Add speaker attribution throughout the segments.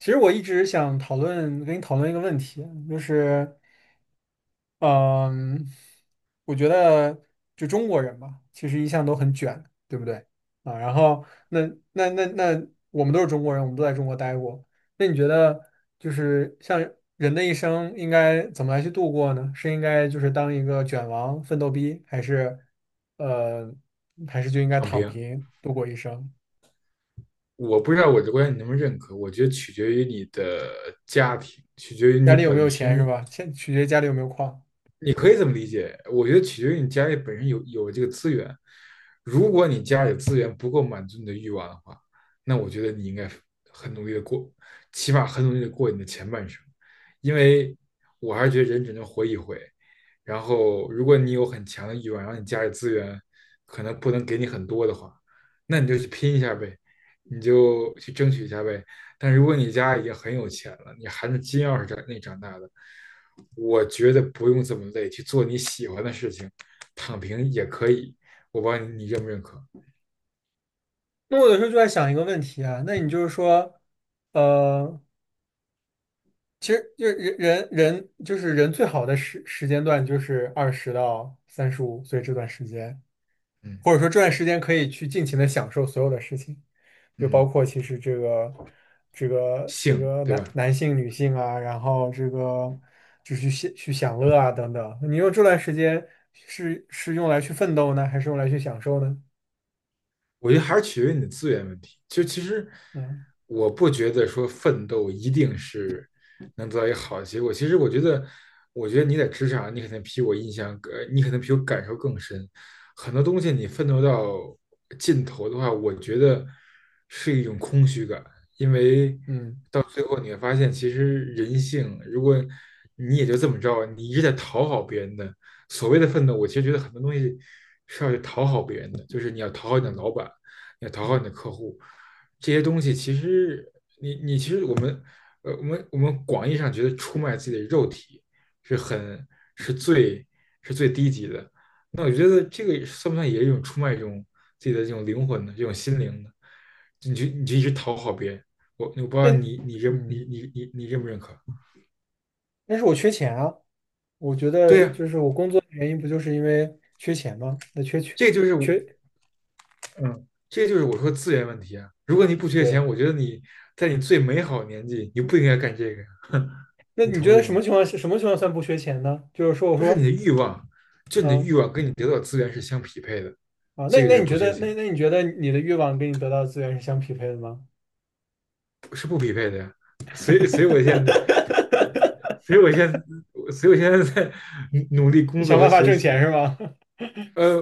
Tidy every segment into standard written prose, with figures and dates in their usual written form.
Speaker 1: 其实我一直想讨论，跟你讨论一个问题，就是，嗯，我觉得就中国人吧，其实一向都很卷，对不对？啊，然后那，我们都是中国人，我们都在中国待过。那你觉得，就是像人的一生应该怎么来去度过呢？是应该就是当一个卷王、奋斗逼，呃，还是就应该
Speaker 2: 躺
Speaker 1: 躺
Speaker 2: 平，
Speaker 1: 平度过一生？
Speaker 2: 我不知道我的观点你能不能认可，我觉得取决于你的家庭，取决于
Speaker 1: 家
Speaker 2: 你
Speaker 1: 里有没
Speaker 2: 本
Speaker 1: 有钱是
Speaker 2: 身。
Speaker 1: 吧？先取决于家里有没有矿。
Speaker 2: 你可以这么理解，我觉得取决于你家里本身有这个资源。如果你家里资源不够满足你的欲望的话，那我觉得你应该很努力的过，起码很努力的过你的前半生，因为我还是觉得人只能活一回。然后，如果你有很强的欲望，然后你家里资源可能不能给你很多的话，那你就去拼一下呗，你就去争取一下呗，但如果你家已经很有钱了，你含着金钥匙长大的，我觉得不用这么累，去做你喜欢的事情，躺平也可以。我不知道你认不认可？
Speaker 1: 那我有时候就在想一个问题啊，那你就是说，呃，其实就是人就是人最好的时间段就是20到35岁这段时间，
Speaker 2: 嗯
Speaker 1: 或者说这段时间可以去尽情的享受所有的事情，就包
Speaker 2: 嗯，
Speaker 1: 括其实这个这个这
Speaker 2: 性
Speaker 1: 个
Speaker 2: 对吧？
Speaker 1: 男性、女性啊，然后这个就去享乐啊等等。你用这段时间是用来去奋斗呢，还是用来去享受呢？
Speaker 2: 我觉得还是取决于你的资源问题。就其实
Speaker 1: 嗯
Speaker 2: 我不觉得说奋斗一定是能得到一个好的结果。其实我觉得，你在职场，你可能比我感受更深。很多东西你奋斗到尽头的话，我觉得是一种空虚感，因为
Speaker 1: 嗯
Speaker 2: 到最后你会发现，其实人性，如果你也就这么着，你一直在讨好别人的，所谓的奋斗，我其实觉得很多东西是要去讨好别人的，就是你要讨好你的
Speaker 1: 嗯
Speaker 2: 老板，你要讨好你的
Speaker 1: 嗯，
Speaker 2: 客户，这些东西其实你其实我们广义上觉得出卖自己的肉体是很是最是最低级的，那我觉得这个算不算也是一种出卖这种自己的这种灵魂的这种心灵呢？你就一直讨好别人，我不知
Speaker 1: 那
Speaker 2: 道你你认你
Speaker 1: 嗯。
Speaker 2: 你你你认不认可？
Speaker 1: 但是我缺钱啊，我觉
Speaker 2: 对
Speaker 1: 得
Speaker 2: 呀、啊。
Speaker 1: 就是我工作的原因不就是因为缺钱吗？那缺缺
Speaker 2: 这就是
Speaker 1: 缺，
Speaker 2: 嗯，这个就是我说资源问题啊。如果你不缺钱，
Speaker 1: 对，
Speaker 2: 我觉得你在你最美好的年纪，你不应该干这个呀，
Speaker 1: 那
Speaker 2: 你
Speaker 1: 你觉
Speaker 2: 同
Speaker 1: 得
Speaker 2: 意
Speaker 1: 什
Speaker 2: 吗？
Speaker 1: 么情况是什么情况算不缺钱呢？就是说，我
Speaker 2: 就是你
Speaker 1: 说，
Speaker 2: 的欲望，你的
Speaker 1: 嗯
Speaker 2: 欲望跟你得到的资源是相匹配的，
Speaker 1: 那
Speaker 2: 这个就
Speaker 1: 那
Speaker 2: 是
Speaker 1: 你
Speaker 2: 不
Speaker 1: 觉
Speaker 2: 缺
Speaker 1: 得那
Speaker 2: 钱，
Speaker 1: 那你觉得你的欲望跟你得到的资源是相匹配的吗？
Speaker 2: 是不匹配的呀。所以，所以我现在，所以我现在，所以我现在在努力工作
Speaker 1: 想
Speaker 2: 和
Speaker 1: 办法
Speaker 2: 学
Speaker 1: 挣钱
Speaker 2: 习。
Speaker 1: 是吗？
Speaker 2: 呃，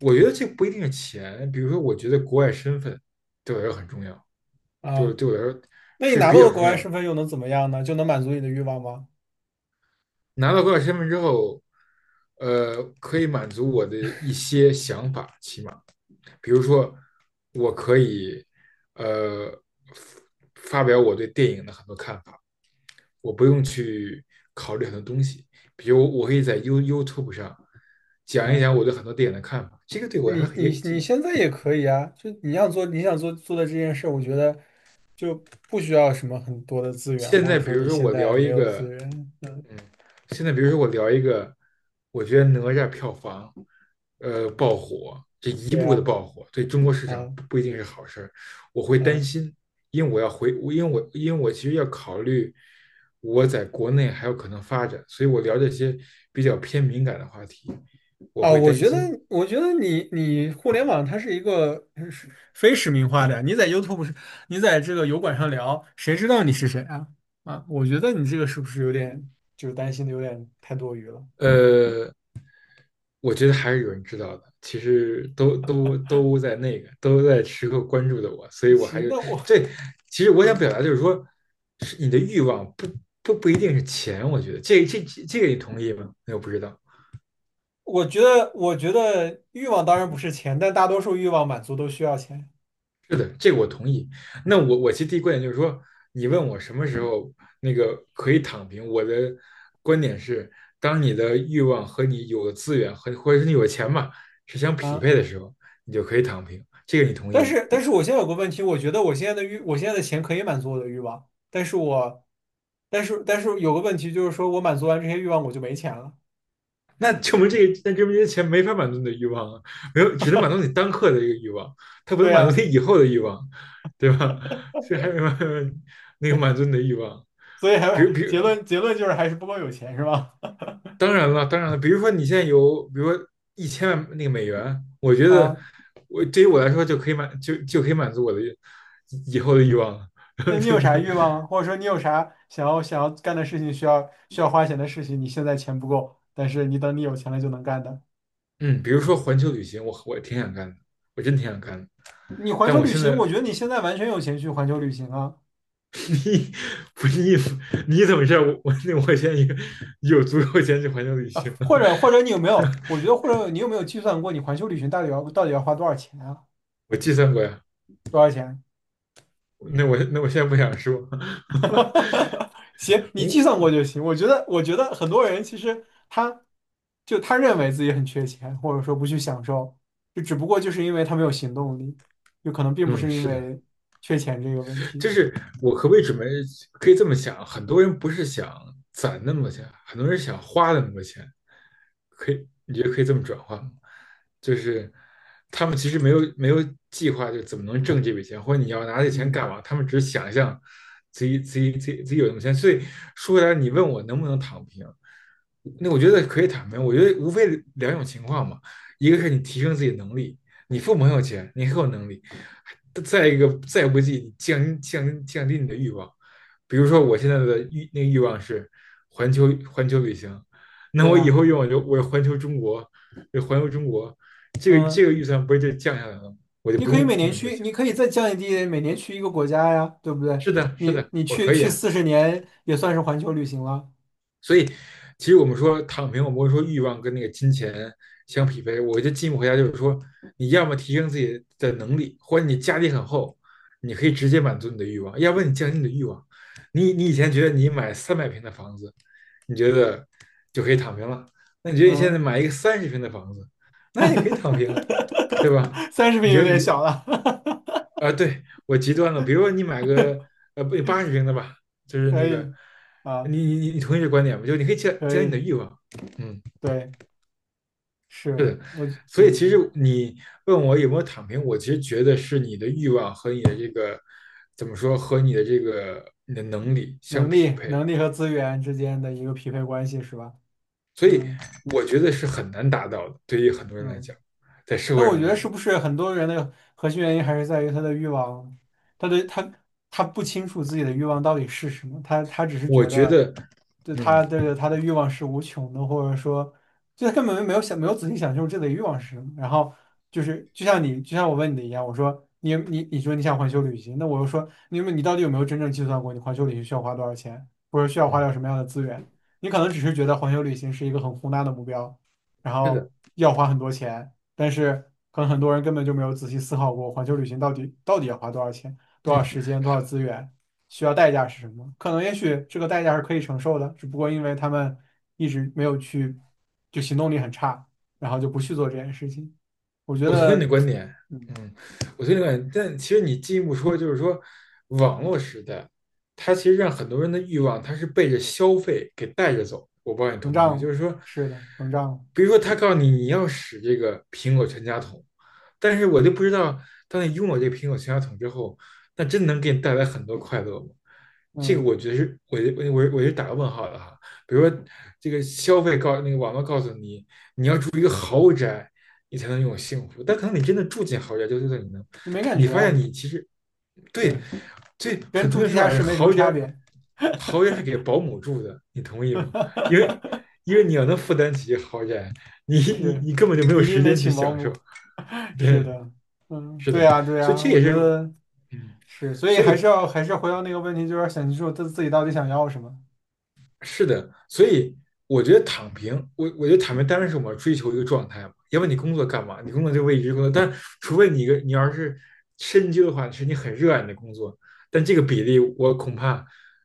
Speaker 2: 我觉得这不一定是钱，比如说，我觉得国外身份对我来说很重要，对我
Speaker 1: 啊，
Speaker 2: 对我来说
Speaker 1: 那你
Speaker 2: 是
Speaker 1: 拿
Speaker 2: 比
Speaker 1: 到
Speaker 2: 较
Speaker 1: 了国
Speaker 2: 重
Speaker 1: 外
Speaker 2: 要。
Speaker 1: 身份又能怎么样呢？就能满足你的欲望吗？
Speaker 2: 拿到高考身份之后，可以满足我的一些想法，起码，比如说，我可以，呃，发表我对电影的很多看法，我不用去考虑很多东西，比如我可以在 YouTube 上讲一
Speaker 1: 嗯。
Speaker 2: 讲我对很多电影的看法，这个对我来说
Speaker 1: 你
Speaker 2: 很也。
Speaker 1: 你你现在也可以啊，就你要做你想做的这件事，我觉得就不需要什么很多的资源，
Speaker 2: 现
Speaker 1: 或
Speaker 2: 在
Speaker 1: 者
Speaker 2: 比
Speaker 1: 说
Speaker 2: 如
Speaker 1: 你
Speaker 2: 说
Speaker 1: 现
Speaker 2: 我
Speaker 1: 在
Speaker 2: 聊
Speaker 1: 没
Speaker 2: 一
Speaker 1: 有
Speaker 2: 个
Speaker 1: 资源，嗯，
Speaker 2: 嗯，现在比如说我聊一个，我觉得哪吒票房，爆火，这一
Speaker 1: 对
Speaker 2: 部
Speaker 1: 啊，
Speaker 2: 的爆火对中国市场
Speaker 1: 啊
Speaker 2: 不一定是好事儿，我会担
Speaker 1: 嗯
Speaker 2: 心，因为我其实要考虑我在国内还有可能发展，所以我聊这些比较偏敏感的话题，我
Speaker 1: 啊，
Speaker 2: 会
Speaker 1: 我
Speaker 2: 担
Speaker 1: 觉得
Speaker 2: 心。
Speaker 1: 我觉得你互联网它是一个是非实名化的呀，你在这个油管上聊，谁知道你是谁啊？啊，我觉得你这个是不是有点就是担心的有点太多余了？
Speaker 2: 呃，我觉得还是有人知道的，其实都在时刻关注着我，所以我还
Speaker 1: 行，
Speaker 2: 是
Speaker 1: 那我
Speaker 2: 这。其实我想
Speaker 1: 嗯。
Speaker 2: 表达就是说，是你的欲望不一定是钱，我觉得这个你同意吗？那我不知道。
Speaker 1: 我觉得欲望当然不是钱，但大多数欲望满足都需要钱
Speaker 2: 是的，这个我同意。那我其实第一观点就是说，你问我什么时候可以躺平，我的观点是，当你的欲望和你有的资源或者是你有钱嘛是相匹
Speaker 1: 啊。
Speaker 2: 配的时候，你就可以躺平。这个你同
Speaker 1: 但
Speaker 2: 意吗？
Speaker 1: 是，但是我现在有个问题，我觉得我现在的钱可以满足我的欲望，但是我，但是有个问题就是说，我满足完这些欲望，我就没钱了。
Speaker 2: 那证明这些钱没法满足你的欲望啊，没有，只能满足你当刻的一个欲望，它不
Speaker 1: 对
Speaker 2: 能满足
Speaker 1: 呀，
Speaker 2: 你以后的欲望，对吧？所以还有那个满足你的欲望，
Speaker 1: 所以
Speaker 2: 比如，
Speaker 1: 还
Speaker 2: 比如，
Speaker 1: 结论结论就是还是不够有钱，是吧？
Speaker 2: 当然了，比如说你现在有，比如说1000万美元，我 觉得
Speaker 1: 啊，
Speaker 2: 我对于我来说就可以满足我的以后的欲望了。
Speaker 1: 那你 有
Speaker 2: 对不
Speaker 1: 啥
Speaker 2: 对？
Speaker 1: 欲望啊或者说你有啥想要干的事情，需要花钱的事情，你现在钱不够，但是你等你有钱了就能干的。
Speaker 2: 嗯，比如说环球旅行，我挺想干的，我真挺想干的，
Speaker 1: 你环
Speaker 2: 但
Speaker 1: 球
Speaker 2: 我
Speaker 1: 旅
Speaker 2: 现
Speaker 1: 行，我
Speaker 2: 在
Speaker 1: 觉得你现在完全有钱去环球旅行啊。
Speaker 2: 你不是意思，你怎么知道我现在有足够钱去环球旅
Speaker 1: 啊，
Speaker 2: 行？
Speaker 1: 或者你有没有？我觉得或者你有没有计算过你环球旅行到底要花多少钱啊？
Speaker 2: 我计算过呀。
Speaker 1: 多少钱？
Speaker 2: 那我现在不想说。
Speaker 1: 行，你计算过
Speaker 2: 我
Speaker 1: 就行。我觉得很多人其实他认为自己很缺钱，或者说不去享受，就只不过就是因为他没有行动力，就可能并不
Speaker 2: 嗯，
Speaker 1: 是因
Speaker 2: 是的，
Speaker 1: 为缺钱这个问
Speaker 2: 就
Speaker 1: 题。
Speaker 2: 是我可不可以准备可以这么想？很多人不是想攒那么多钱，很多人想花那么多钱，可以你觉得可以这么转换吗？就是他们其实没有计划，就怎么能挣这笔钱，或者你要拿这钱
Speaker 1: 嗯，
Speaker 2: 干嘛？他们只是想象自己有那么钱。所以说回来，你问我能不能躺平，那我觉得可以躺平。我觉得无非两种情况嘛，一个是你提升自己的能力，你父母很有钱，你很有能力。再一个，再不济，降低你的欲望。比如说，我现在的欲那个欲望是环球旅行，那
Speaker 1: 对
Speaker 2: 我以
Speaker 1: 呀，
Speaker 2: 后欲望就我环球中国，就环球中国，这个
Speaker 1: 嗯，
Speaker 2: 预算不是就降下来了吗？我就
Speaker 1: 你
Speaker 2: 不
Speaker 1: 可以每
Speaker 2: 用
Speaker 1: 年
Speaker 2: 那么多
Speaker 1: 去，
Speaker 2: 钱。
Speaker 1: 你可以再降低每年去一个国家呀，对不对？
Speaker 2: 是的，是
Speaker 1: 你
Speaker 2: 的，
Speaker 1: 你
Speaker 2: 我
Speaker 1: 去
Speaker 2: 可以
Speaker 1: 去
Speaker 2: 啊。
Speaker 1: 40年也算是环球旅行了。
Speaker 2: 所以，其实我们说躺平，我们会说欲望跟那个金钱相匹配。我觉得进一步回答就是说，你要么提升自己的能力，或者你家底很厚，你可以直接满足你的欲望；要不然你降低你的欲望。你以前觉得你买300平的房子，你觉得就可以躺平了，那你觉得你现在
Speaker 1: 嗯。
Speaker 2: 买一个30平的房子，那也可以躺平，对吧？
Speaker 1: 三十
Speaker 2: 你
Speaker 1: 平
Speaker 2: 觉
Speaker 1: 有
Speaker 2: 得
Speaker 1: 点
Speaker 2: 你
Speaker 1: 小了，
Speaker 2: 啊，对，我极端了，比如说你买个不80平的吧，就 是
Speaker 1: 可
Speaker 2: 那个，
Speaker 1: 以啊，
Speaker 2: 你同意这观点吗？就是你可以降降
Speaker 1: 可
Speaker 2: 低你的
Speaker 1: 以，
Speaker 2: 欲望，嗯，
Speaker 1: 对，是
Speaker 2: 是的，
Speaker 1: 我
Speaker 2: 所以其
Speaker 1: 嗯，
Speaker 2: 实你问我有没有躺平，我其实觉得是你的欲望和你的这个怎么说和你的这个你的能力相
Speaker 1: 能
Speaker 2: 匹
Speaker 1: 力、
Speaker 2: 配，
Speaker 1: 能力和资源之间的一个匹配关系是吧？
Speaker 2: 所以
Speaker 1: 嗯
Speaker 2: 我觉得是很难达到的，对于很多人来
Speaker 1: 嗯。
Speaker 2: 讲，在社
Speaker 1: 那
Speaker 2: 会上
Speaker 1: 我觉
Speaker 2: 来
Speaker 1: 得
Speaker 2: 讲，
Speaker 1: 是不是很多人的核心原因还是在于他的欲望，他的他他不清楚自己的欲望到底是什么，他只是
Speaker 2: 我
Speaker 1: 觉
Speaker 2: 觉
Speaker 1: 得，
Speaker 2: 得，
Speaker 1: 就
Speaker 2: 嗯
Speaker 1: 他的欲望是无穷的，或者说，就他根本没有仔细想清楚自己的欲望是什么。然后就是就像我问你的一样，我说你说你想环球旅行，那我又说你到底有没有真正计算过你环球旅行需要花多少钱，或者需要花
Speaker 2: 嗯，
Speaker 1: 掉什么样的资源？你可能只是觉得环球旅行是一个很宏大的目标，然
Speaker 2: 是的。
Speaker 1: 后要花很多钱。但是可能很多人根本就没有仔细思考过环球旅行到底要花多少钱、多少
Speaker 2: 嗯。
Speaker 1: 时间、多少资源，需要代价是什么？可能也许这个代价是可以承受的，只不过因为他们一直没有去，就行动力很差，然后就不去做这件事情。我觉
Speaker 2: 我同意你的
Speaker 1: 得，
Speaker 2: 观点，
Speaker 1: 嗯，
Speaker 2: 嗯，我同意你的观点，但其实你进一步说，就是说，网络时代，它其实让很多人的欲望，它是被着消费给带着走。我不知道你
Speaker 1: 膨
Speaker 2: 同不同意，就
Speaker 1: 胀
Speaker 2: 是说，
Speaker 1: 是的，膨胀，
Speaker 2: 比如说他告诉你你要使这个苹果全家桶，但是我就不知道，当你拥有这个苹果全家桶之后，那真能给你带来很多快乐吗？这个
Speaker 1: 嗯，
Speaker 2: 我觉得是，我就打个问号了哈。比如说，这个消费告那个网络告诉你，一个豪宅，你才能拥有幸福。但可能你真的住进豪宅，就对在你能，
Speaker 1: 就没感
Speaker 2: 你
Speaker 1: 觉
Speaker 2: 发现你其实
Speaker 1: 对，
Speaker 2: 对，
Speaker 1: 是
Speaker 2: 所以
Speaker 1: 跟
Speaker 2: 很多
Speaker 1: 住
Speaker 2: 人
Speaker 1: 地
Speaker 2: 说
Speaker 1: 下
Speaker 2: 啊，
Speaker 1: 室没什么
Speaker 2: 豪宅，
Speaker 1: 差别。
Speaker 2: 豪宅是给保姆住的，你同意吗？因为 因为你要能负担起豪宅，你你
Speaker 1: 是，
Speaker 2: 你根本就没
Speaker 1: 你
Speaker 2: 有
Speaker 1: 一定
Speaker 2: 时
Speaker 1: 得
Speaker 2: 间去
Speaker 1: 请保
Speaker 2: 享受。
Speaker 1: 姆。是
Speaker 2: 对，
Speaker 1: 的，嗯，
Speaker 2: 是
Speaker 1: 对
Speaker 2: 的，
Speaker 1: 呀，对
Speaker 2: 所以
Speaker 1: 呀，
Speaker 2: 这
Speaker 1: 我
Speaker 2: 也
Speaker 1: 觉
Speaker 2: 是，
Speaker 1: 得
Speaker 2: 嗯，
Speaker 1: 是，所以
Speaker 2: 所
Speaker 1: 还
Speaker 2: 以
Speaker 1: 是要还是回到那个问题，就是想清楚他自己到底想要什么。
Speaker 2: 是的，所以我觉得躺平，我觉得躺平当然是我们要追求一个状态嘛，要不然你工作干嘛？你工作就为一直工作，但除非你一个你要是深究的话，是你很热爱你的工作，但这个比例我恐怕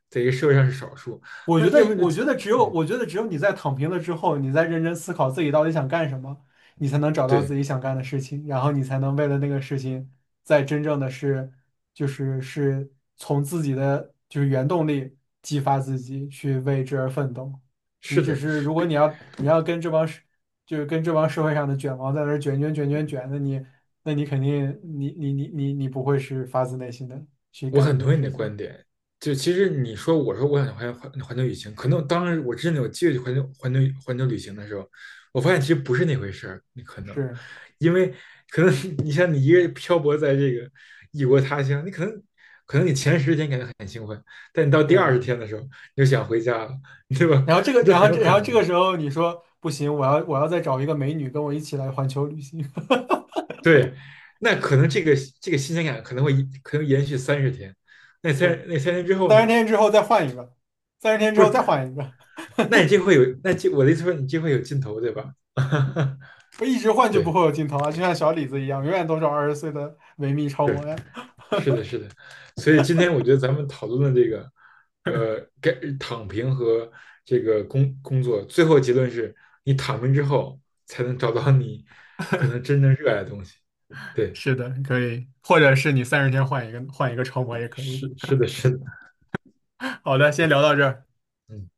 Speaker 2: 在一个社会上是少数。
Speaker 1: 我
Speaker 2: 那
Speaker 1: 觉得，
Speaker 2: 要不然你
Speaker 1: 我
Speaker 2: 就，
Speaker 1: 觉得只有，
Speaker 2: 嗯，
Speaker 1: 我觉得只有你在躺平了之后，你在认真思考自己到底想干什么，你才能找到自
Speaker 2: 对，
Speaker 1: 己想干的事情，然后你才能为了那个事情，在真正的是，就是是从自己的就是原动力激发自己去为之而奋斗。你
Speaker 2: 是
Speaker 1: 只
Speaker 2: 的，
Speaker 1: 是如果
Speaker 2: 比
Speaker 1: 你要跟这帮社就是跟这帮社会上的卷王在那儿卷卷卷卷卷，那你肯定你不会是发自内心的去
Speaker 2: 我
Speaker 1: 干一
Speaker 2: 很
Speaker 1: 件
Speaker 2: 同意你
Speaker 1: 事
Speaker 2: 的
Speaker 1: 情，
Speaker 2: 观点，就其实你说我说我想环球旅行，可能当时我真的有机会去环球旅行的时候，我发现其实不是那回事儿，你可能，
Speaker 1: 是
Speaker 2: 因为可能 像你一个人漂泊在这个异国他乡，你可能你前10天感觉很兴奋，但你到第二
Speaker 1: 对。
Speaker 2: 十天的时候，你就想回家了，对吧？
Speaker 1: 然后这个，
Speaker 2: 这都
Speaker 1: 然后
Speaker 2: 很有
Speaker 1: 这，然
Speaker 2: 可
Speaker 1: 后这
Speaker 2: 能。
Speaker 1: 个时候你说不行，我要再找一个美女跟我一起来环球旅行。
Speaker 2: 对，那可能这个新鲜感可能延续30天，
Speaker 1: 是，
Speaker 2: 那3天之后
Speaker 1: 三十
Speaker 2: 呢？
Speaker 1: 天之后再换一个，三十天之
Speaker 2: 不
Speaker 1: 后
Speaker 2: 是。
Speaker 1: 再换一个，
Speaker 2: 那你就会有，那这我的意思说你就会有尽头，对吧？
Speaker 1: 我一直换就不
Speaker 2: 对，
Speaker 1: 会有尽头啊，就像小李子一样，永远都是20岁的维密超
Speaker 2: 是
Speaker 1: 模呀。
Speaker 2: 是的，是的。所以今天我觉得咱们讨论的这个，该躺平和这个工作，最后结论是你躺平之后才能找到你可能真正热爱的东西。对，
Speaker 1: 是的，可以，或者是你三十天换一个，换一个超模也可以。
Speaker 2: 是的，是的，
Speaker 1: 好的，先聊到这儿。
Speaker 2: 嗯。